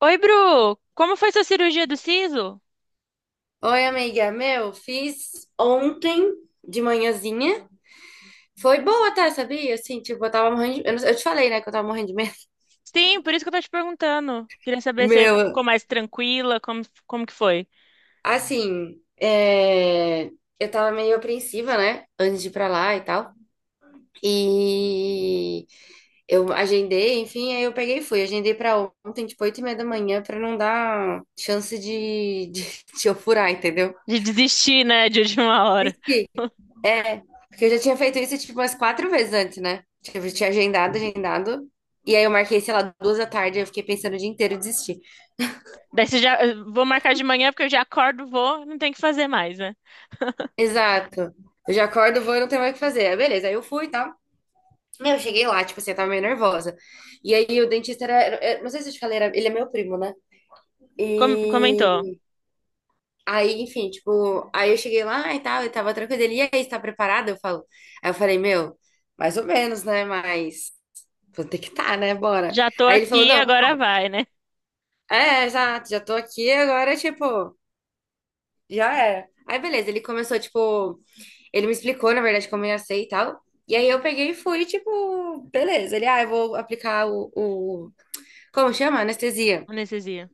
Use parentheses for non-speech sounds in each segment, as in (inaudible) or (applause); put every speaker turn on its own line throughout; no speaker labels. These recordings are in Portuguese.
Oi, Bru! Como foi sua cirurgia do siso?
Oi, amiga. Meu, fiz ontem de manhãzinha. Foi boa até, sabia? Assim, tipo, eu tava morrendo de... Eu, não- eu te falei, né, que eu tava morrendo de medo.
Sim, por isso que eu tô te perguntando. Queria
(laughs)
saber se você ficou
Meu,
mais tranquila, como que foi?
assim, eu tava meio apreensiva, né, antes de ir pra lá e tal. E eu agendei, enfim, aí eu peguei e fui. Agendei pra ontem, tipo, 8h30 da manhã, pra não dar chance (laughs) de eu furar, entendeu?
De desistir, né, de última hora.
É, porque eu já tinha feito isso tipo umas 4 vezes antes, né? Tipo, eu tinha agendado, agendado. E aí eu marquei, sei lá, 2 da tarde, eu fiquei pensando o dia inteiro e desisti.
Daí você já... Vou marcar de manhã, porque eu já acordo, vou, não tem o que fazer mais, né?
Exato. Eu já acordo, vou e não tenho mais o que fazer. Aí, beleza, aí eu fui e tal. Meu, eu cheguei lá, tipo assim, eu tava meio nervosa. E aí o dentista era, não sei se eu te falei, ele é meu primo, né?
Com- comentou.
E aí, enfim, tipo, aí eu cheguei lá e tal, eu tava tranquila. Ele, e aí, você tá preparada? Eu falo. Aí eu falei, meu, mais ou menos, né? Mas vou ter que estar, tá, né? Bora.
Já tô
Aí ele falou,
aqui,
não.
agora vai, né?
É, exato, já tô aqui agora, tipo, já era. Aí, beleza, ele começou, tipo, ele me explicou, na verdade, como eu ia ser e tal. E aí eu peguei e fui, tipo, beleza. Ele, ah, eu vou aplicar como chama? Anestesia.
Anestesia.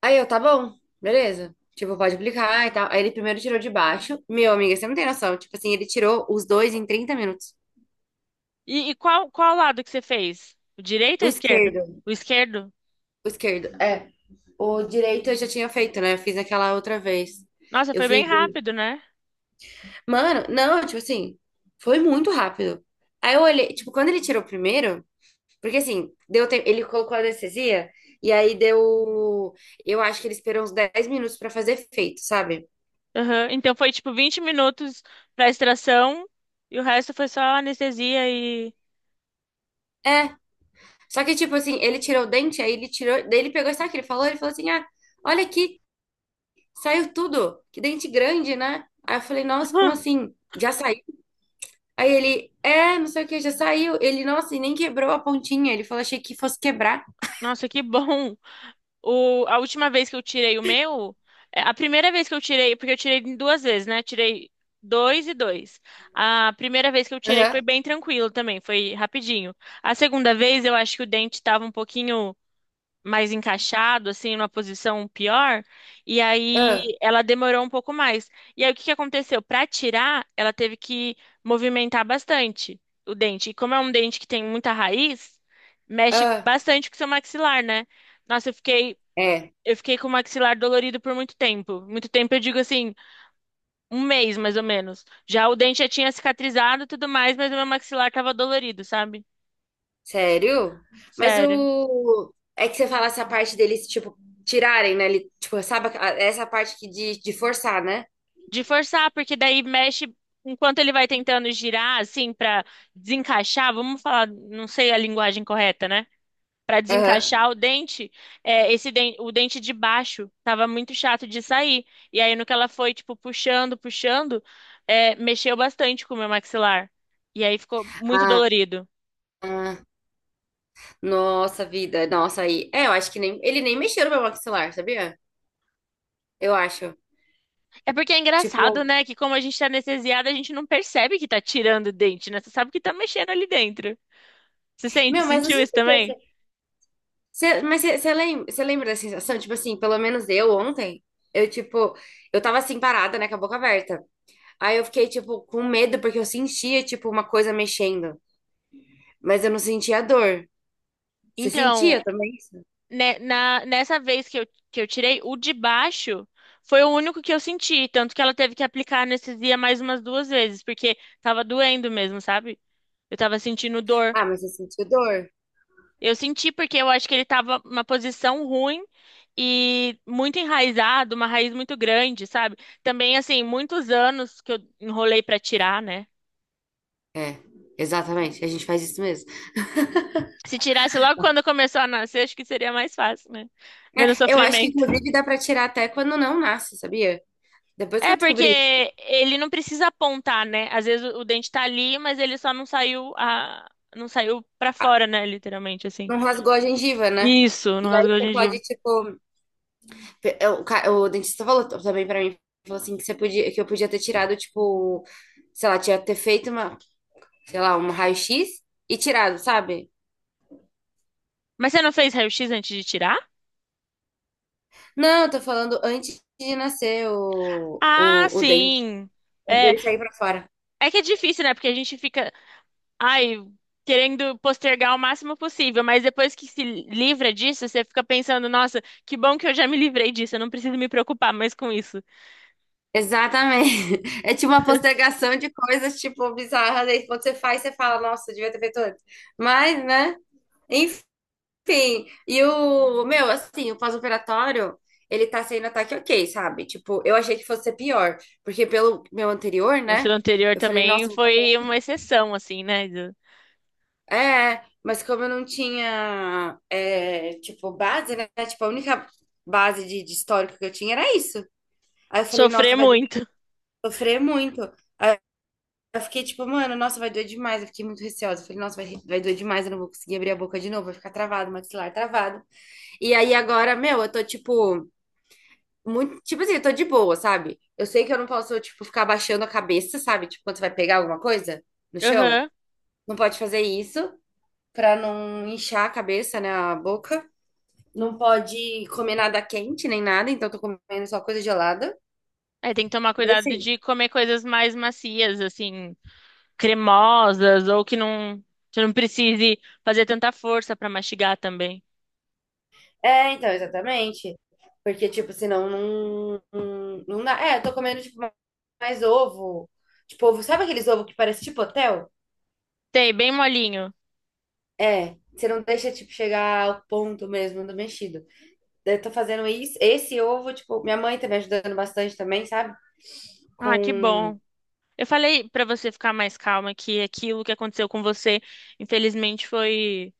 Aí eu, tá bom, beleza. Tipo, pode aplicar e tal. Aí ele primeiro tirou de baixo. Meu, amiga, você não tem noção. Tipo assim, ele tirou os dois em 30 minutos.
E, e qual lado que você fez? O direito ou
O
o esquerdo?
esquerdo,
O esquerdo?
o esquerdo, é. O direito eu já tinha feito, né? Eu fiz aquela outra vez.
Nossa,
Eu
foi bem
fiz.
rápido, né?
Mano, não, tipo assim, foi muito rápido. Aí eu olhei, tipo, quando ele tirou o primeiro, porque assim, deu tempo, ele colocou a anestesia e aí deu, eu acho que ele esperou uns 10 minutos pra fazer efeito, sabe?
Aham. Então foi tipo 20 minutos pra extração... E o resto foi só anestesia.
É, só que tipo assim, ele tirou o dente, aí ele tirou, daí ele pegou, sabe o que ele falou? Ele falou assim: "Ah, olha aqui, saiu tudo. Que dente grande, né?" Aí eu falei:
(laughs)
"Nossa, como
Ah,
assim? Já saiu?" Aí ele: "É, não sei o que, já saiu." Ele: "Nossa, e nem quebrou a pontinha." Ele falou: "Achei que fosse quebrar."
nossa, que bom! O, a última vez que eu tirei o meu, é, a primeira vez que eu tirei, porque eu tirei em duas vezes, né? Tirei dois e dois. A primeira vez que eu tirei
Aham.
foi bem tranquilo também, foi rapidinho. A segunda vez eu acho que o dente estava um pouquinho mais encaixado, assim, numa posição pior, e aí
Ah,
ela demorou um pouco mais. E aí o que que aconteceu? Para tirar, ela teve que movimentar bastante o dente. E como é um dente que tem muita raiz, mexe
ah.
bastante com o seu maxilar, né? Nossa, eu fiquei,
É.
eu fiquei com o maxilar dolorido por muito tempo. Muito tempo, eu digo assim, um mês mais ou menos. Já o dente já tinha cicatrizado e tudo mais, mas o meu maxilar tava dolorido, sabe?
Sério? Mas
Sério.
o. É que você fala essa parte deles, tipo, tirarem, né? Ele, tipo, sabe, essa parte que de forçar, né?
De forçar, porque daí mexe enquanto ele vai tentando girar, assim, pra desencaixar. Vamos falar, não sei a linguagem correta, né? Pra
Aham.
desencaixar o dente, é, esse den- o dente de baixo tava muito chato de sair. E aí, no que ela foi, tipo, puxando, puxando, é, mexeu bastante com o meu maxilar. E aí ficou muito
Ah,
dolorido.
ah, nossa vida, nossa aí. É, eu acho que nem. Ele nem mexeu no meu maxilar, sabia? Eu acho.
É porque é
Tipo,
engraçado, né? Que como a gente tá anestesiada, a gente não percebe que tá tirando o dente, né? Você sabe que tá mexendo ali dentro. Você sente,
meu, mas não
sentiu
sei se
isso
você
também?
percebe. Você, mas você, você lembra da sensação? Tipo assim, pelo menos eu ontem, eu, tipo, eu tava assim parada, né, com a boca aberta. Aí eu fiquei, tipo, com medo, porque eu sentia, tipo, uma coisa mexendo. Mas eu não sentia dor. Você
Então,
sentia também isso?
né, na, nessa vez que eu tirei, o de baixo foi o único que eu senti, tanto que ela teve que aplicar anestesia mais umas duas vezes, porque tava doendo mesmo, sabe? Eu tava sentindo dor.
Ah, mas você sentiu dor?
Eu senti porque eu acho que ele tava numa posição ruim e muito enraizado, uma raiz muito grande, sabe? Também, assim, muitos anos que eu enrolei pra tirar, né?
É, exatamente. A gente faz isso mesmo.
Se tirasse logo quando começou a nascer, acho que seria mais fácil, né? Menos
É, eu acho que,
sofrimento.
inclusive, dá pra tirar até quando não nasce, sabia? Depois que
É,
eu
porque
descobri isso,
ele não precisa apontar, né? Às vezes o dente tá ali, mas ele só não saiu a... não saiu pra
ah,
fora, né? Literalmente, assim.
não rasgou a gengiva, né?
Isso, não
E aí
rasgou a
você
gengiva.
pode, tipo. O dentista falou também pra mim, falou assim, que você podia, que eu podia ter tirado, tipo, sei lá, tinha ter feito uma, sei lá, um raio-x e tirado, sabe?
Mas você não fez raio-x antes de tirar?
Não, eu tô falando antes de nascer
Ah,
o dente,
sim.
antes
É,
dele sair pra fora.
é que é difícil, né? Porque a gente fica, ai, querendo postergar o máximo possível, mas depois que se livra disso, você fica pensando, nossa, que bom que eu já me livrei disso, eu não preciso me preocupar mais com isso.
Exatamente. (laughs) É tipo uma postergação de coisas, tipo, bizarras. Aí quando você faz, você fala, nossa, devia ter feito antes. Mas, né? Enfim. E o, meu, assim, o pós-operatório, ele tá sendo ataque ok, sabe? Tipo, eu achei que fosse ser pior. Porque pelo meu anterior,
O seu
né?
anterior
Eu falei,
também
nossa, eu vou
foi
ficar
uma exceção, assim, né? De
(laughs) mas como eu não tinha, é, tipo, base, né? Tipo, a única base de histórico que eu tinha era isso. Aí eu falei, nossa,
sofrer
vai doer,
muito.
sofrer muito. Eu fiquei tipo, mano, nossa, vai doer demais. Eu fiquei muito receosa. Eu falei, nossa, vai doer demais. Eu não vou conseguir abrir a boca de novo. Vai ficar travado, maxilar travado. E aí agora, meu, eu tô tipo, muito, tipo assim, eu tô de boa, sabe? Eu sei que eu não posso, tipo, ficar abaixando a cabeça, sabe? Tipo, quando você vai pegar alguma coisa no chão.
Aham.
Não pode fazer isso pra não inchar a cabeça, né? A boca. Não pode comer nada quente nem nada. Então, eu tô comendo só coisa gelada.
É, tem que tomar
Mas
cuidado
assim.
de comer coisas mais macias, assim, cremosas, ou que não, você não precise fazer tanta força pra mastigar também.
É, então, exatamente. Porque, tipo, senão não dá. É, eu tô comendo, tipo, mais ovo. Tipo, ovo, sabe aqueles ovos que parece tipo hotel?
Tem, bem molinho.
É, você não deixa, tipo, chegar ao ponto mesmo do mexido. Daí eu tô fazendo isso, esse ovo, tipo, minha mãe tá me ajudando bastante também, sabe?
Ah, que
Com.
bom. Eu falei pra você ficar mais calma que aquilo que aconteceu com você, infelizmente, foi,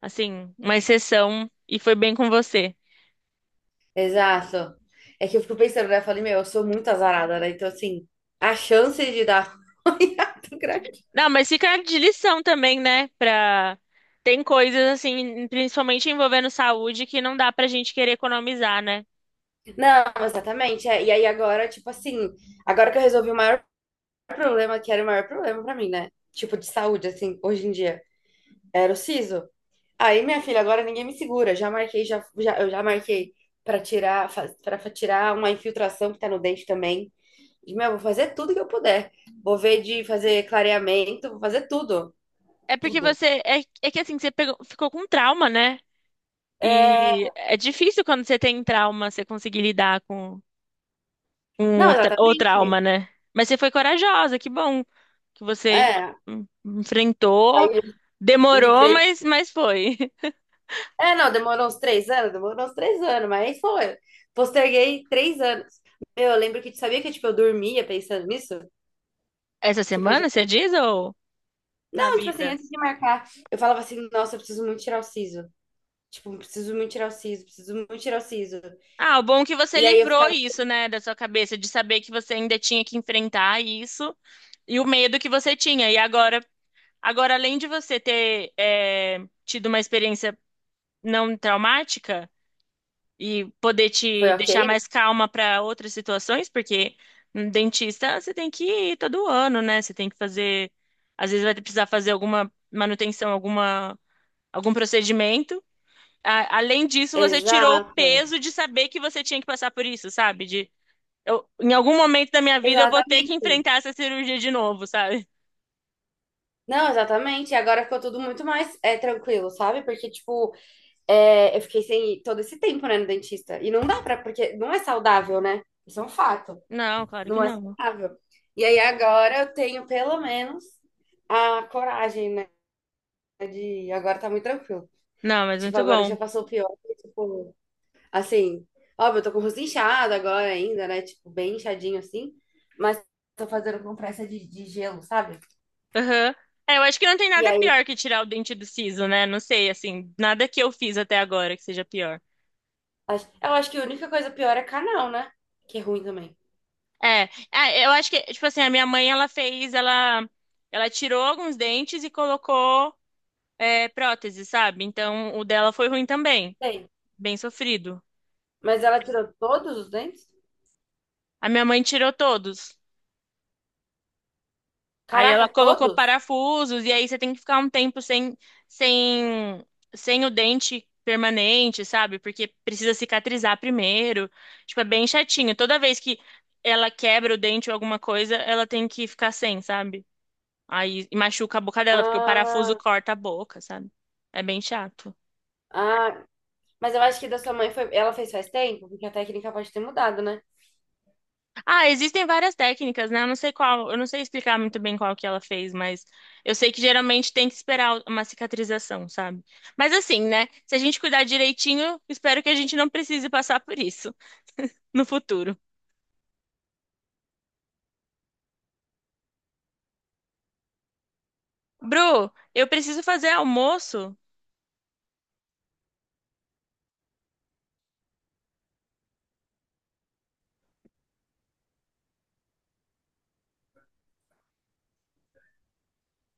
assim, uma exceção e foi bem com você.
Exato. É que eu fico pensando, né? Eu falei, meu, eu sou muito azarada, né? Então, assim, a chance de dar (laughs) ruim é muito grande.
Não, mas fica de lição também, né? Pra... Tem coisas, assim, principalmente envolvendo saúde, que não dá pra gente querer economizar, né?
Não, exatamente. É. E aí agora, tipo assim, agora que eu resolvi o maior problema, que era o maior problema pra mim, né? Tipo, de saúde, assim, hoje em dia. Era o siso. Aí, minha filha, agora ninguém me segura. Já marquei, já, já, Eu já marquei pra tirar uma infiltração que tá no dente também. E, meu, vou fazer tudo que eu puder. Vou ver de fazer clareamento, vou fazer tudo.
É porque
Tudo.
você. É, é que assim, você pegou- ficou com trauma, né? E
É...
é difícil quando você tem trauma você conseguir lidar com, com
Não,
o, tra- o
exatamente.
trauma, né? Mas você foi corajosa, que bom que você
É.
enfrentou.
Aí eu
Demorou,
livrei.
mas foi. (laughs)
É, não, demorou uns 3 anos, demorou uns 3 anos, mas aí foi. Posterguei 3 anos. Meu, eu lembro que, tipo, sabia que, tipo, eu dormia pensando nisso?
Essa
Tipo,
semana, você diz, ou na
não, tipo assim,
vida?
antes de marcar, eu falava assim, nossa, eu preciso muito tirar o siso. Tipo, preciso muito tirar o siso, preciso muito tirar o siso.
Ah, o bom é que você
E aí eu
livrou
ficava,
isso, né, da sua cabeça, de saber que você ainda tinha que enfrentar isso e o medo que você tinha. E agora, além de você ter. É, tido uma experiência não traumática e poder
foi
te
ok,
deixar
né?
mais calma para outras situações, porque no dentista você tem que ir todo ano, né? Você tem que fazer, às vezes vai precisar fazer alguma manutenção, alguma algum procedimento. A- além disso, você tirou o
Exato,
peso de saber que você tinha que passar por isso, sabe? De eu, em algum momento da minha vida eu vou ter que
exatamente.
enfrentar essa cirurgia de novo, sabe?
Não, exatamente. E agora ficou tudo muito mais tranquilo, sabe? Porque, tipo, é, eu fiquei sem ir todo esse tempo, né, no dentista. E não dá pra, porque não é saudável, né? Isso é um fato.
Não, claro que
Não é
não.
saudável. E aí agora eu tenho pelo menos a coragem, né? De agora tá muito tranquilo.
Não, mas
Tipo,
muito
agora já
bom.
passou o pior. Tipo, assim, óbvio, eu tô com o rosto inchado agora ainda, né? Tipo, bem inchadinho assim. Mas tô fazendo compressa de gelo, sabe?
Aham. É, eu acho que não tem
E
nada
aí,
pior que tirar o dente do siso, né? Não sei, assim, nada que eu fiz até agora que seja pior.
eu acho que a única coisa pior é canal, né? Que é ruim também.
É, é, eu acho que, tipo assim, a minha mãe, ela tirou alguns dentes e colocou, é, prótese, sabe? Então, o dela foi ruim também,
Tem.
bem sofrido.
Mas ela tirou todos os dentes?
A minha mãe tirou todos. Aí ela
Caraca,
colocou
todos?
parafusos, e aí você tem que ficar um tempo sem, sem o dente permanente, sabe? Porque precisa cicatrizar primeiro. Tipo, é bem chatinho. Toda vez que ela quebra o dente ou alguma coisa, ela tem que ficar sem, sabe? Aí e machuca a boca dela, porque o parafuso
Ah,
corta a boca, sabe? É bem chato.
ah. Mas eu acho que da sua mãe foi. Ela fez faz tempo, porque a técnica pode ter mudado, né?
Ah, existem várias técnicas, né? Eu não sei qual, eu não sei explicar muito bem qual que ela fez, mas eu sei que geralmente tem que esperar uma cicatrização, sabe? Mas assim, né? Se a gente cuidar direitinho, espero que a gente não precise passar por isso no futuro. Bru, eu preciso fazer almoço.